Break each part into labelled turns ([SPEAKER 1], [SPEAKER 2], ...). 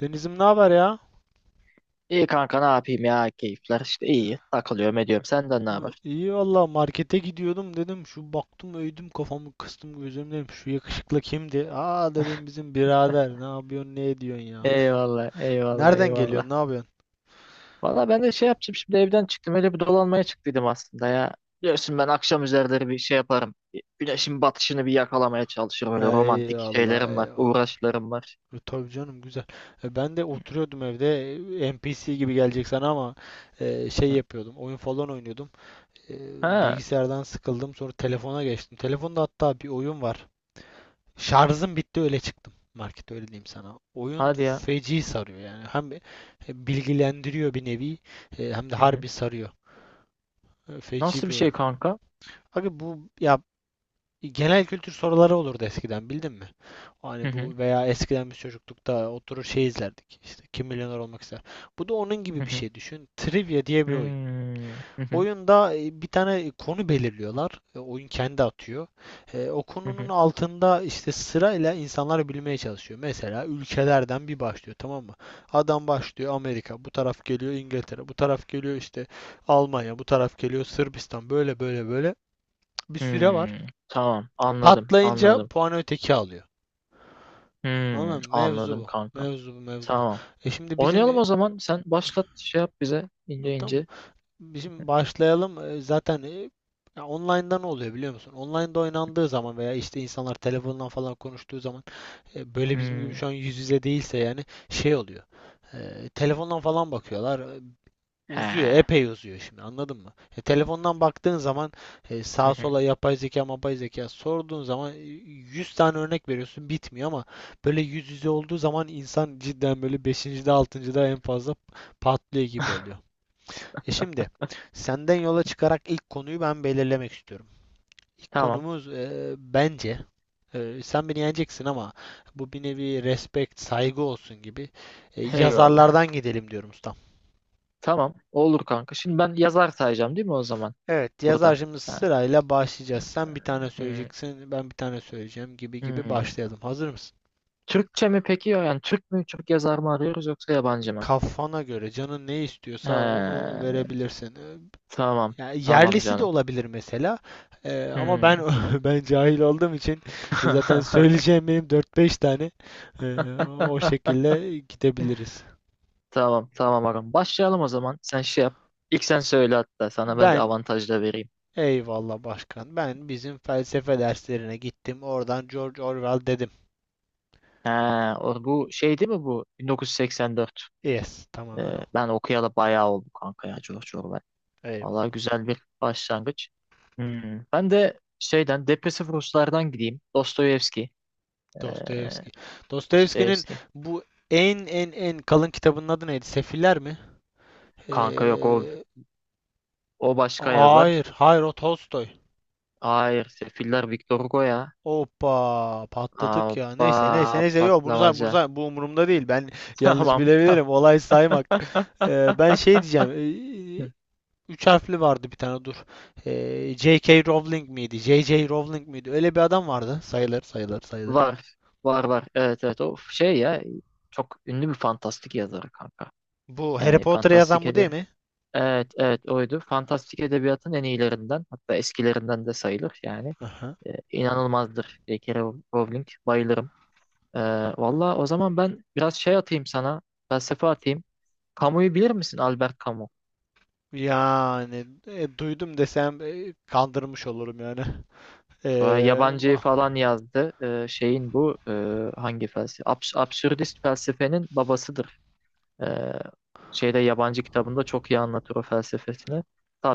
[SPEAKER 1] Denizim ne haber ya?
[SPEAKER 2] İyi kanka, ne yapayım ya, keyifler işte, iyi takılıyorum ediyorum, senden ne haber?
[SPEAKER 1] İyi valla markete gidiyordum dedim şu baktım öydüm kafamı kıstım gözüm dedim şu yakışıklı kimdi? Aa dedim bizim birader ne yapıyorsun ne ediyorsun ya?
[SPEAKER 2] Eyvallah, eyvallah,
[SPEAKER 1] Nereden geliyorsun
[SPEAKER 2] eyvallah.
[SPEAKER 1] ne yapıyorsun?
[SPEAKER 2] Valla ben de şey yapacağım, şimdi evden çıktım, öyle bir dolanmaya çıktıydım aslında ya. Biliyorsun ben akşam üzerleri bir şey yaparım. Bir güneşin batışını bir yakalamaya çalışırım, öyle romantik
[SPEAKER 1] Eyvallah
[SPEAKER 2] şeylerim var,
[SPEAKER 1] eyvallah.
[SPEAKER 2] uğraşlarım var.
[SPEAKER 1] Tabii canım güzel. Ben de
[SPEAKER 2] Hı.
[SPEAKER 1] oturuyordum evde, NPC gibi gelecek sana ama şey yapıyordum, oyun falan oynuyordum. E,
[SPEAKER 2] Ha.
[SPEAKER 1] Bilgisayardan sıkıldım, sonra telefona geçtim. Telefonda hatta bir oyun var. Şarjım bitti, öyle çıktım markete, öyle diyeyim sana. Oyun
[SPEAKER 2] Hadi ya.
[SPEAKER 1] feci sarıyor yani. Hem bilgilendiriyor bir nevi, hem de
[SPEAKER 2] Hı hı.
[SPEAKER 1] harbi sarıyor. Feci
[SPEAKER 2] Nasıl
[SPEAKER 1] bir
[SPEAKER 2] bir
[SPEAKER 1] oyun.
[SPEAKER 2] şey kanka?
[SPEAKER 1] Abi bu ya, genel kültür soruları olurdu eskiden, bildin mi?
[SPEAKER 2] Hı
[SPEAKER 1] Hani
[SPEAKER 2] hı.
[SPEAKER 1] bu, veya eskiden biz çocuklukta oturur şey izlerdik. İşte kim milyoner olmak ister. Bu da onun
[SPEAKER 2] Hı
[SPEAKER 1] gibi bir
[SPEAKER 2] hı.
[SPEAKER 1] şey, düşün. Trivia diye bir oyun.
[SPEAKER 2] Hmm, hı hı,
[SPEAKER 1] Oyunda bir tane konu belirliyorlar. Oyun kendi atıyor. O
[SPEAKER 2] hı
[SPEAKER 1] konunun
[SPEAKER 2] hı,
[SPEAKER 1] altında işte sırayla insanlar bilmeye çalışıyor. Mesela ülkelerden bir başlıyor, tamam mı? Adam başlıyor Amerika, bu taraf geliyor İngiltere, bu taraf geliyor işte Almanya, bu taraf geliyor Sırbistan. Böyle böyle böyle bir süre var.
[SPEAKER 2] hmm. Tamam, anladım
[SPEAKER 1] Patlayınca
[SPEAKER 2] anladım.
[SPEAKER 1] puanı öteki alıyor.
[SPEAKER 2] Hmm,
[SPEAKER 1] Anladın mı? Mevzu
[SPEAKER 2] anladım
[SPEAKER 1] bu.
[SPEAKER 2] kanka.
[SPEAKER 1] Mevzu bu, mevzu bu.
[SPEAKER 2] Tamam.
[SPEAKER 1] Şimdi bizim,
[SPEAKER 2] Oynayalım o zaman. Sen başlat, şey yap bize ince
[SPEAKER 1] tamam mı?
[SPEAKER 2] ince.
[SPEAKER 1] Bizim başlayalım. Zaten ya, online'da ne oluyor biliyor musun? Online'da oynandığı zaman, veya işte insanlar telefondan falan konuştuğu zaman, böyle bizim gibi
[SPEAKER 2] Hmm.
[SPEAKER 1] şu an yüz yüze değilse yani şey oluyor. Telefondan falan bakıyorlar. Uzuyor,
[SPEAKER 2] He.
[SPEAKER 1] epey uzuyor şimdi, anladın mı? Telefondan baktığın zaman,
[SPEAKER 2] Hı
[SPEAKER 1] sağa
[SPEAKER 2] hı.
[SPEAKER 1] sola yapay zeka, mapay zeka sorduğun zaman, 100 tane örnek veriyorsun, bitmiyor. Ama böyle yüz yüze olduğu zaman insan cidden böyle beşinci de 6. da en fazla patlıyor gibi oluyor. Şimdi senden yola çıkarak ilk konuyu ben belirlemek istiyorum. İlk
[SPEAKER 2] Tamam.
[SPEAKER 1] konumuz bence, sen beni yeneceksin ama bu bir nevi respect, saygı olsun gibi,
[SPEAKER 2] Eyvallah.
[SPEAKER 1] yazarlardan gidelim diyorum ustam.
[SPEAKER 2] Tamam. Olur kanka. Şimdi ben yazar sayacağım değil mi o zaman?
[SPEAKER 1] Evet,
[SPEAKER 2] Burada.
[SPEAKER 1] yazarcımız
[SPEAKER 2] Ha.
[SPEAKER 1] sırayla başlayacağız. Sen bir tane
[SPEAKER 2] Hmm.
[SPEAKER 1] söyleyeceksin, ben bir tane söyleyeceğim, gibi gibi
[SPEAKER 2] Hmm.
[SPEAKER 1] başlayalım. Hazır mısın?
[SPEAKER 2] Türkçe mi peki? Yani Türk mü, Türk yazar mı arıyoruz, yoksa yabancı mı?
[SPEAKER 1] Kafana göre, canın ne
[SPEAKER 2] He.
[SPEAKER 1] istiyorsa onu verebilirsin. E,
[SPEAKER 2] Tamam.
[SPEAKER 1] Yani
[SPEAKER 2] Tamam
[SPEAKER 1] yerlisi de
[SPEAKER 2] canım.
[SPEAKER 1] olabilir mesela. Ama ben
[SPEAKER 2] Hmm.
[SPEAKER 1] ben cahil olduğum için zaten söyleyeceğim benim dört beş tane. Eee, o şekilde gidebiliriz.
[SPEAKER 2] Tamam. Tamam ağam. Başlayalım o zaman. Sen şey yap. İlk sen söyle hatta. Sana ben bir
[SPEAKER 1] Ben
[SPEAKER 2] avantaj da vereyim.
[SPEAKER 1] eyvallah başkan. Ben bizim felsefe derslerine gittim. Oradan George Orwell dedim.
[SPEAKER 2] Ha, o, bu şey değil mi bu? 1984.
[SPEAKER 1] Yes, tamamen
[SPEAKER 2] Ee,
[SPEAKER 1] o.
[SPEAKER 2] ben okuyalı bayağı oldu kanka ya, George Orwell. Vallahi
[SPEAKER 1] Eyvallah.
[SPEAKER 2] güzel bir başlangıç. Hmm. Ben de şeyden, depresif Ruslardan gideyim. Dostoyevski. Ee,
[SPEAKER 1] Dostoyevski. Dostoyevski'nin
[SPEAKER 2] Dostoyevski.
[SPEAKER 1] bu en en en kalın kitabının adı neydi? Sefiller mi?
[SPEAKER 2] Kanka yok o,
[SPEAKER 1] Eee,
[SPEAKER 2] o başka
[SPEAKER 1] hayır,
[SPEAKER 2] yazar.
[SPEAKER 1] hayır, o Tolstoy.
[SPEAKER 2] Hayır, Sefiller Victor Hugo ya.
[SPEAKER 1] Hoppa patladık ya.
[SPEAKER 2] Aba
[SPEAKER 1] Neyse neyse neyse, yok bunu say, bunu
[SPEAKER 2] patlamaca.
[SPEAKER 1] say, bu umurumda değil. Ben yanlış
[SPEAKER 2] Tamam.
[SPEAKER 1] bilebilirim. Olay saymak. Ben şey diyeceğim. Üç harfli vardı bir tane, dur. J.K. Rowling miydi? J.J. Rowling miydi? Öyle bir adam vardı. Sayılır, sayılır, sayılır.
[SPEAKER 2] Var. Var var. Evet evet, o şey ya. Çok ünlü bir fantastik yazarı kanka.
[SPEAKER 1] Bu Harry
[SPEAKER 2] Yani
[SPEAKER 1] Potter'ı yazan,
[SPEAKER 2] fantastik
[SPEAKER 1] bu değil
[SPEAKER 2] edebiyat.
[SPEAKER 1] mi?
[SPEAKER 2] Evet, evet oydu. Fantastik edebiyatın en iyilerinden, hatta eskilerinden de sayılır. Yani
[SPEAKER 1] Aha.
[SPEAKER 2] inanılmazdır J.K. Rowling. Bayılırım. E, valla o zaman ben biraz şey atayım sana, felsefe atayım. Camus'u bilir misin? Albert Camus.
[SPEAKER 1] Yani duydum desem kandırmış olurum yani. Ee,
[SPEAKER 2] Şu an Yabancıyı
[SPEAKER 1] va-
[SPEAKER 2] falan yazdı. Şeyin bu hangi felsefe? Absürdist felsefenin babasıdır. E, şeyde yabancı kitabında çok iyi anlatır o felsefesini.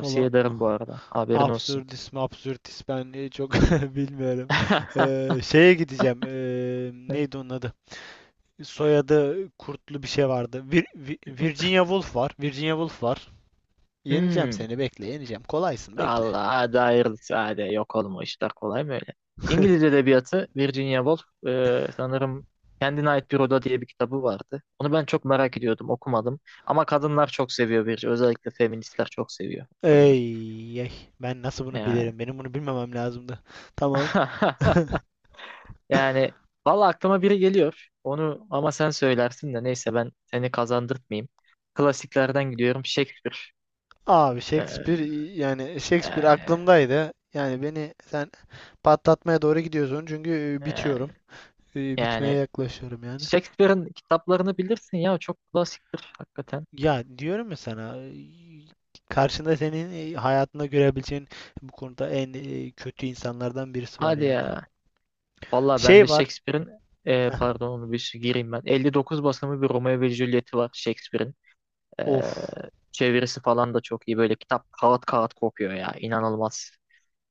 [SPEAKER 1] Valla,
[SPEAKER 2] ederim bu arada. Haberin olsun.
[SPEAKER 1] absürdist mi absürtist, ben çok bilmiyorum. Şeye gideceğim. Neydi onun adı? Soyadı kurtlu bir şey vardı. Virginia Woolf var. Virginia Woolf var. Yeneceğim
[SPEAKER 2] Hmm,
[SPEAKER 1] seni, bekle, yeneceğim. Kolaysın, bekle.
[SPEAKER 2] Allah'a dair sade yok olma, işler kolay mı öyle? İngiliz edebiyatı Virginia Woolf, sanırım Kendine Ait Bir Oda diye bir kitabı vardı. Onu ben çok merak ediyordum, okumadım. Ama kadınlar çok seviyor Virginia. Özellikle feministler çok seviyor kadını.
[SPEAKER 1] Ey, ey. Ben nasıl bunu
[SPEAKER 2] Yani,
[SPEAKER 1] bilirim? Benim bunu bilmemem lazımdı. Tamam.
[SPEAKER 2] yani valla aklıma biri geliyor. Onu ama sen söylersin de, neyse, ben seni kazandırtmayayım. Klasiklerden gidiyorum, Shakespeare.
[SPEAKER 1] Abi Shakespeare,
[SPEAKER 2] E,
[SPEAKER 1] yani Shakespeare
[SPEAKER 2] yani,
[SPEAKER 1] aklımdaydı. Yani beni sen patlatmaya doğru gidiyorsun çünkü
[SPEAKER 2] yani,
[SPEAKER 1] bitiyorum. Bitmeye
[SPEAKER 2] yani,
[SPEAKER 1] yaklaşıyorum yani.
[SPEAKER 2] Shakespeare'in kitaplarını bilirsin ya, çok klasiktir hakikaten.
[SPEAKER 1] Ya diyorum ya sana, karşında senin hayatında görebileceğin bu konuda en kötü insanlardan birisi var
[SPEAKER 2] Hadi
[SPEAKER 1] yani.
[SPEAKER 2] ya. Valla ben de
[SPEAKER 1] Şey var.
[SPEAKER 2] Shakespeare'in,
[SPEAKER 1] Heh,
[SPEAKER 2] pardon, onu bir gireyim ben. 59 basımı bir Romeo ve Juliet'i var Shakespeare'in. E,
[SPEAKER 1] of.
[SPEAKER 2] çevirisi falan da çok iyi. Böyle kitap kağıt kağıt kopuyor ya. İnanılmaz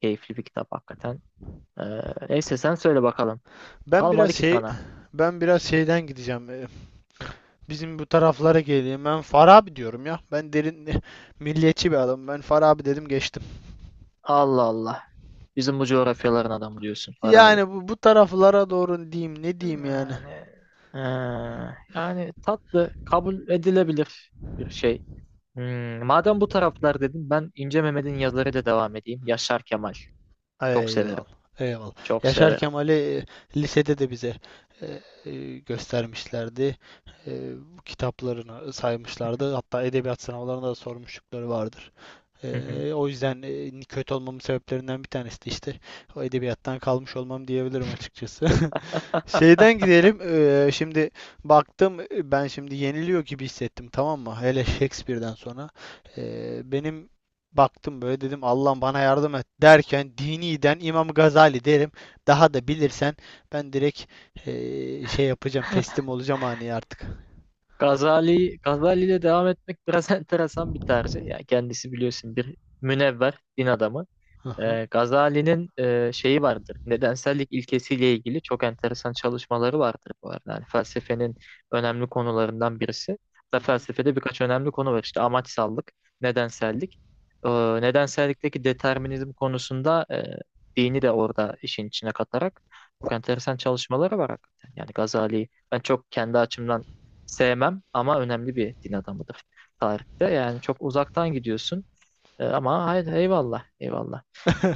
[SPEAKER 2] keyifli bir kitap hakikaten. E, neyse sen söyle bakalım.
[SPEAKER 1] Ben biraz
[SPEAKER 2] Kalmadı ki
[SPEAKER 1] şey
[SPEAKER 2] sana.
[SPEAKER 1] ben biraz şeyden gideceğim. Bizim bu taraflara geleyim. Ben Farabi diyorum ya. Ben derin milliyetçi bir adamım. Ben Farabi dedim, geçtim.
[SPEAKER 2] Allah Allah. Bizim bu coğrafyaların adamı diyorsun, Farabi.
[SPEAKER 1] Yani bu taraflara doğru diyeyim, ne diyeyim yani.
[SPEAKER 2] Yani, e, yani, tatlı kabul edilebilir bir şey. Madem bu taraflar dedim, ben İnce Mehmet'in yazılarıyla devam edeyim. Yaşar Kemal. Çok severim.
[SPEAKER 1] Eyvallah. Eyvallah.
[SPEAKER 2] Çok
[SPEAKER 1] Yaşar
[SPEAKER 2] severim.
[SPEAKER 1] Kemal'i lisede de bize e, göstermişlerdi. E, Bu kitaplarını saymışlardı. Hatta edebiyat sınavlarında da sormuşlukları vardır. O yüzden kötü olmamın sebeplerinden bir tanesi de işte o edebiyattan kalmış olmam diyebilirim açıkçası. Şeyden gidelim. Şimdi baktım, ben şimdi yeniliyor gibi hissettim, tamam mı? Hele Shakespeare'den sonra. Benim baktım böyle, dedim Allah'ım bana yardım et, derken diniden İmam Gazali derim. Daha da bilirsen, ben direkt şey yapacağım, teslim olacağım hani artık.
[SPEAKER 2] Gazali, Gazali ile devam etmek biraz enteresan bir tarzı. Yani kendisi biliyorsun, bir münevver din adamı.
[SPEAKER 1] Hı hı.
[SPEAKER 2] Gazali'nin şeyi vardır. Nedensellik ilkesiyle ilgili çok enteresan çalışmaları vardır bu arada. Yani felsefenin önemli konularından birisi.
[SPEAKER 1] Hı
[SPEAKER 2] Da
[SPEAKER 1] hı.
[SPEAKER 2] felsefede birkaç önemli konu var. İşte amaçsallık, nedensellik. E, nedensellikteki determinizm konusunda dini de orada işin içine katarak çok enteresan çalışmaları var hakikaten. Yani Gazali'yi ben çok kendi açımdan sevmem, ama önemli bir din adamıdır tarihte. Yani çok uzaktan gidiyorsun. Ama hayır, eyvallah, eyvallah.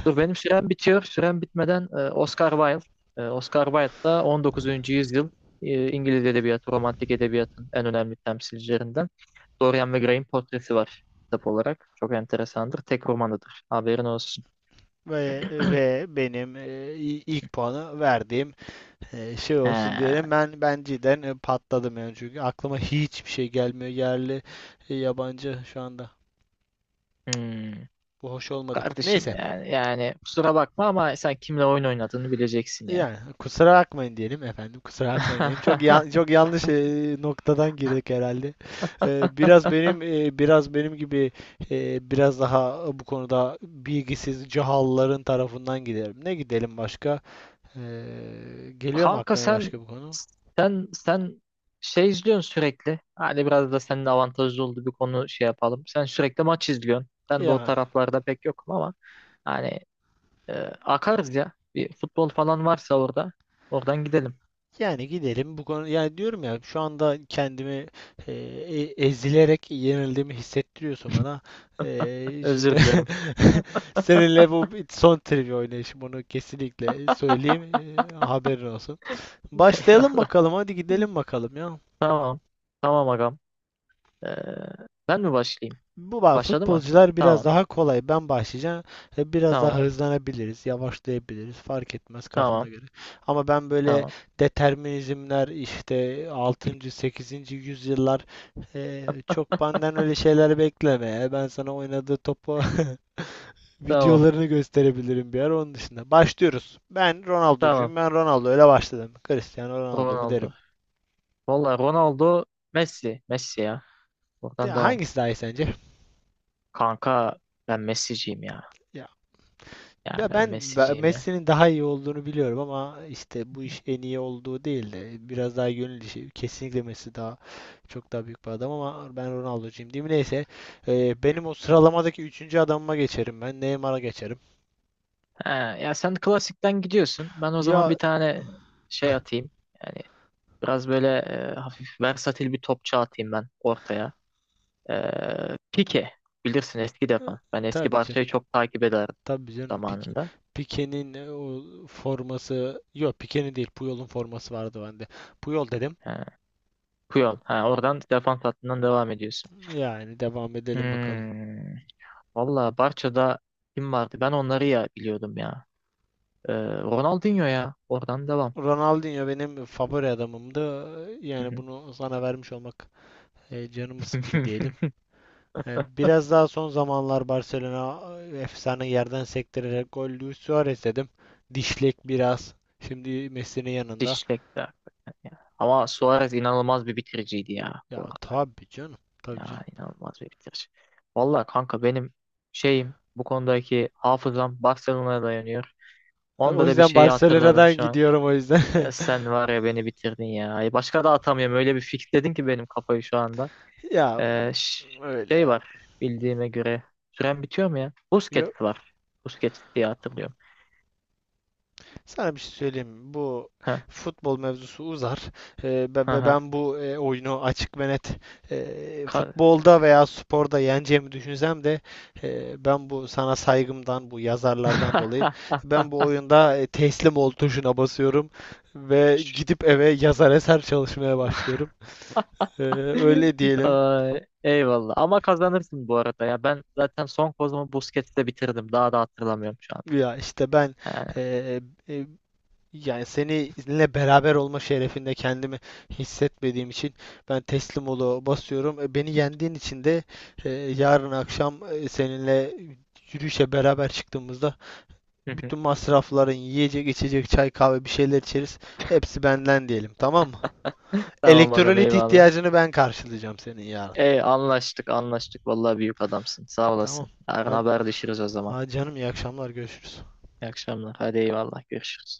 [SPEAKER 2] Dur, benim sürem bitiyor. Sürem bitmeden, Oscar Wilde. Oscar Wilde da 19. yüzyıl, İngiliz edebiyatı, romantik edebiyatın en önemli temsilcilerinden. Dorian ve Gray'in portresi var kitap olarak. Çok enteresandır. Tek romanıdır. Haberin olsun.
[SPEAKER 1] Ve benim ilk puanı verdiğim şey
[SPEAKER 2] He,
[SPEAKER 1] olsun diyelim. Ben cidden patladım yani çünkü aklıma hiçbir şey gelmiyor, yerli yabancı şu anda.
[SPEAKER 2] hmm.
[SPEAKER 1] Bu hoş olmadı.
[SPEAKER 2] Kardeşim
[SPEAKER 1] Neyse.
[SPEAKER 2] yani, kusura bakma, ama sen kimle oyun oynadığını bileceksin ya.
[SPEAKER 1] Yani kusura bakmayın diyelim efendim. Kusura bakmayın diyelim. Çok çok yanlış noktadan girdik herhalde. Biraz benim gibi, biraz daha bu konuda bilgisiz cahalların tarafından gidelim. Ne gidelim başka? E, Geliyor mu
[SPEAKER 2] Kanka,
[SPEAKER 1] aklına başka
[SPEAKER 2] sen
[SPEAKER 1] bir konu?
[SPEAKER 2] sen sen şey izliyorsun sürekli. Hani biraz da senin avantajlı olduğu bir konu şey yapalım. Sen sürekli maç izliyorsun. Ben de o
[SPEAKER 1] Yani,
[SPEAKER 2] taraflarda pek yokum ama, hani, e, akarız ya. Bir futbol falan varsa orada, oradan gidelim.
[SPEAKER 1] Gidelim bu konu, yani diyorum ya, şu anda kendimi ezilerek yenildiğimi hissettiriyorsun bana. Şimdi
[SPEAKER 2] Özür dilerim.
[SPEAKER 1] seninle bu bir son trivia oynayışım, onu kesinlikle söyleyeyim, haberin olsun. Başlayalım
[SPEAKER 2] Eyvallah.
[SPEAKER 1] bakalım, hadi gidelim bakalım ya.
[SPEAKER 2] Tamam. Tamam agam. E, ben mi başlayayım?
[SPEAKER 1] Bu bak,
[SPEAKER 2] Başladı mı?
[SPEAKER 1] futbolcular biraz
[SPEAKER 2] Tamam.
[SPEAKER 1] daha kolay. Ben başlayacağım. Biraz daha
[SPEAKER 2] Tamam.
[SPEAKER 1] hızlanabiliriz, yavaşlayabiliriz. Fark etmez, kafana
[SPEAKER 2] Tamam.
[SPEAKER 1] göre. Ama ben böyle
[SPEAKER 2] Tamam.
[SPEAKER 1] determinizmler işte altıncı, sekizinci yüzyıllar, çok benden öyle şeyler bekleme ya. Ben sana oynadığı topu
[SPEAKER 2] Tamam.
[SPEAKER 1] videolarını gösterebilirim bir ara, onun dışında. Başlıyoruz. Ben
[SPEAKER 2] Tamam.
[SPEAKER 1] Ronaldo'cuyum. Ben Ronaldo öyle başladım. Cristiano Ronaldo mu derim.
[SPEAKER 2] Ronaldo. Vallahi Ronaldo, Messi. Messi ya. Oradan
[SPEAKER 1] Ya
[SPEAKER 2] devam.
[SPEAKER 1] hangisi daha iyi sence?
[SPEAKER 2] Kanka, ben Messi'ciyim ya.
[SPEAKER 1] Ya,
[SPEAKER 2] Yani
[SPEAKER 1] ve
[SPEAKER 2] ben
[SPEAKER 1] ben
[SPEAKER 2] Messi'ciyim ya.
[SPEAKER 1] Messi'nin daha iyi olduğunu biliyorum, ama işte bu iş en iyi olduğu değil de biraz daha gönül işi. Kesinlikle Messi daha çok daha büyük bir adam, ama ben Ronaldo'cuyum diyeyim. Neyse, benim o sıralamadaki üçüncü adamıma geçerim ben. Neymar'a geçerim.
[SPEAKER 2] Ha, ya sen klasikten gidiyorsun. Ben o zaman
[SPEAKER 1] Ya,
[SPEAKER 2] bir tane şey atayım. Yani biraz böyle hafif versatil bir topçu atayım ben ortaya. E, Pique. Bilirsin, eski
[SPEAKER 1] e,
[SPEAKER 2] defans. Ben eski
[SPEAKER 1] tabii canım.
[SPEAKER 2] Barça'yı çok takip ederdim
[SPEAKER 1] Tabii canım.
[SPEAKER 2] zamanında.
[SPEAKER 1] Pique'nin o forması yok, Pique'nin değil, Puyol'un forması vardı bende. Puyol dedim.
[SPEAKER 2] Ha, Puyol. Ha, oradan, defans hattından devam ediyorsun.
[SPEAKER 1] Yani devam edelim bakalım.
[SPEAKER 2] Hmm. Valla Barça'da kim vardı? Ben onları ya biliyordum ya. E, Ronaldinho ya. Oradan devam.
[SPEAKER 1] Ronaldinho benim favori adamımdı. Yani bunu sana vermiş olmak, canımı sıktı diyelim. Biraz daha son zamanlar Barcelona, efsane yerden sektirerek gol, Luis Suarez dedim. Dişlek biraz. Şimdi Messi'nin yanında.
[SPEAKER 2] Dişlek'ti hakikaten ya. Ama Suarez inanılmaz bir bitiriciydi ya, bu
[SPEAKER 1] Ya
[SPEAKER 2] arada.
[SPEAKER 1] tabii canım. Tabii canım.
[SPEAKER 2] Ya inanılmaz bir bitirici. Vallahi kanka, benim şeyim, bu konudaki hafızam Barcelona'ya dayanıyor.
[SPEAKER 1] O
[SPEAKER 2] Onda da bir
[SPEAKER 1] yüzden
[SPEAKER 2] şeyi hatırladım
[SPEAKER 1] Barcelona'dan
[SPEAKER 2] şu an.
[SPEAKER 1] gidiyorum, o yüzden.
[SPEAKER 2] E, sen var ya, beni bitirdin ya. Ay, başka da atamıyorum. Öyle bir fixledin ki benim kafayı şu anda.
[SPEAKER 1] Ya
[SPEAKER 2] E, ş-
[SPEAKER 1] öyle
[SPEAKER 2] şey
[SPEAKER 1] ya.
[SPEAKER 2] var bildiğime göre. Süren bitiyor mu ya?
[SPEAKER 1] Ya,
[SPEAKER 2] Busquets var. Busquets diye hatırlıyorum.
[SPEAKER 1] sana bir şey söyleyeyim mi? Bu
[SPEAKER 2] Ha
[SPEAKER 1] futbol mevzusu uzar. Ee, ve
[SPEAKER 2] ha
[SPEAKER 1] ve
[SPEAKER 2] ha.
[SPEAKER 1] ben bu oyunu, açık ve net
[SPEAKER 2] Ka-
[SPEAKER 1] futbolda veya sporda yeneceğimi düşünsem de, ben bu sana saygımdan, bu yazarlardan dolayı ben bu oyunda teslim ol tuşuna basıyorum ve gidip eve yazar eser çalışmaya başlıyorum. Ee, Öyle diyelim.
[SPEAKER 2] Ay, eyvallah. Ama kazanırsın bu arada ya. Ben zaten son kozumu Busquets'te bitirdim. Daha da hatırlamıyorum şu an.
[SPEAKER 1] Ya işte ben,
[SPEAKER 2] Yani.
[SPEAKER 1] e, e, Yani seninle beraber olma şerefinde kendimi hissetmediğim için ben teslim olu basıyorum. Beni yendiğin için de yarın akşam seninle yürüyüşe beraber çıktığımızda bütün masrafların, yiyecek, içecek, çay, kahve bir şeyler içeriz. Hepsi benden diyelim, tamam mı?
[SPEAKER 2] Tamam bakalım,
[SPEAKER 1] Elektrolit
[SPEAKER 2] eyvallah.
[SPEAKER 1] ihtiyacını ben karşılayacağım senin, yarın.
[SPEAKER 2] Ey, anlaştık anlaştık. Vallahi büyük adamsın. Sağ
[SPEAKER 1] Tamam.
[SPEAKER 2] olasın. Yarın
[SPEAKER 1] Hadi,
[SPEAKER 2] haberleşiriz o zaman.
[SPEAKER 1] hadi canım, iyi akşamlar, görüşürüz.
[SPEAKER 2] İyi akşamlar. Hadi eyvallah. Görüşürüz.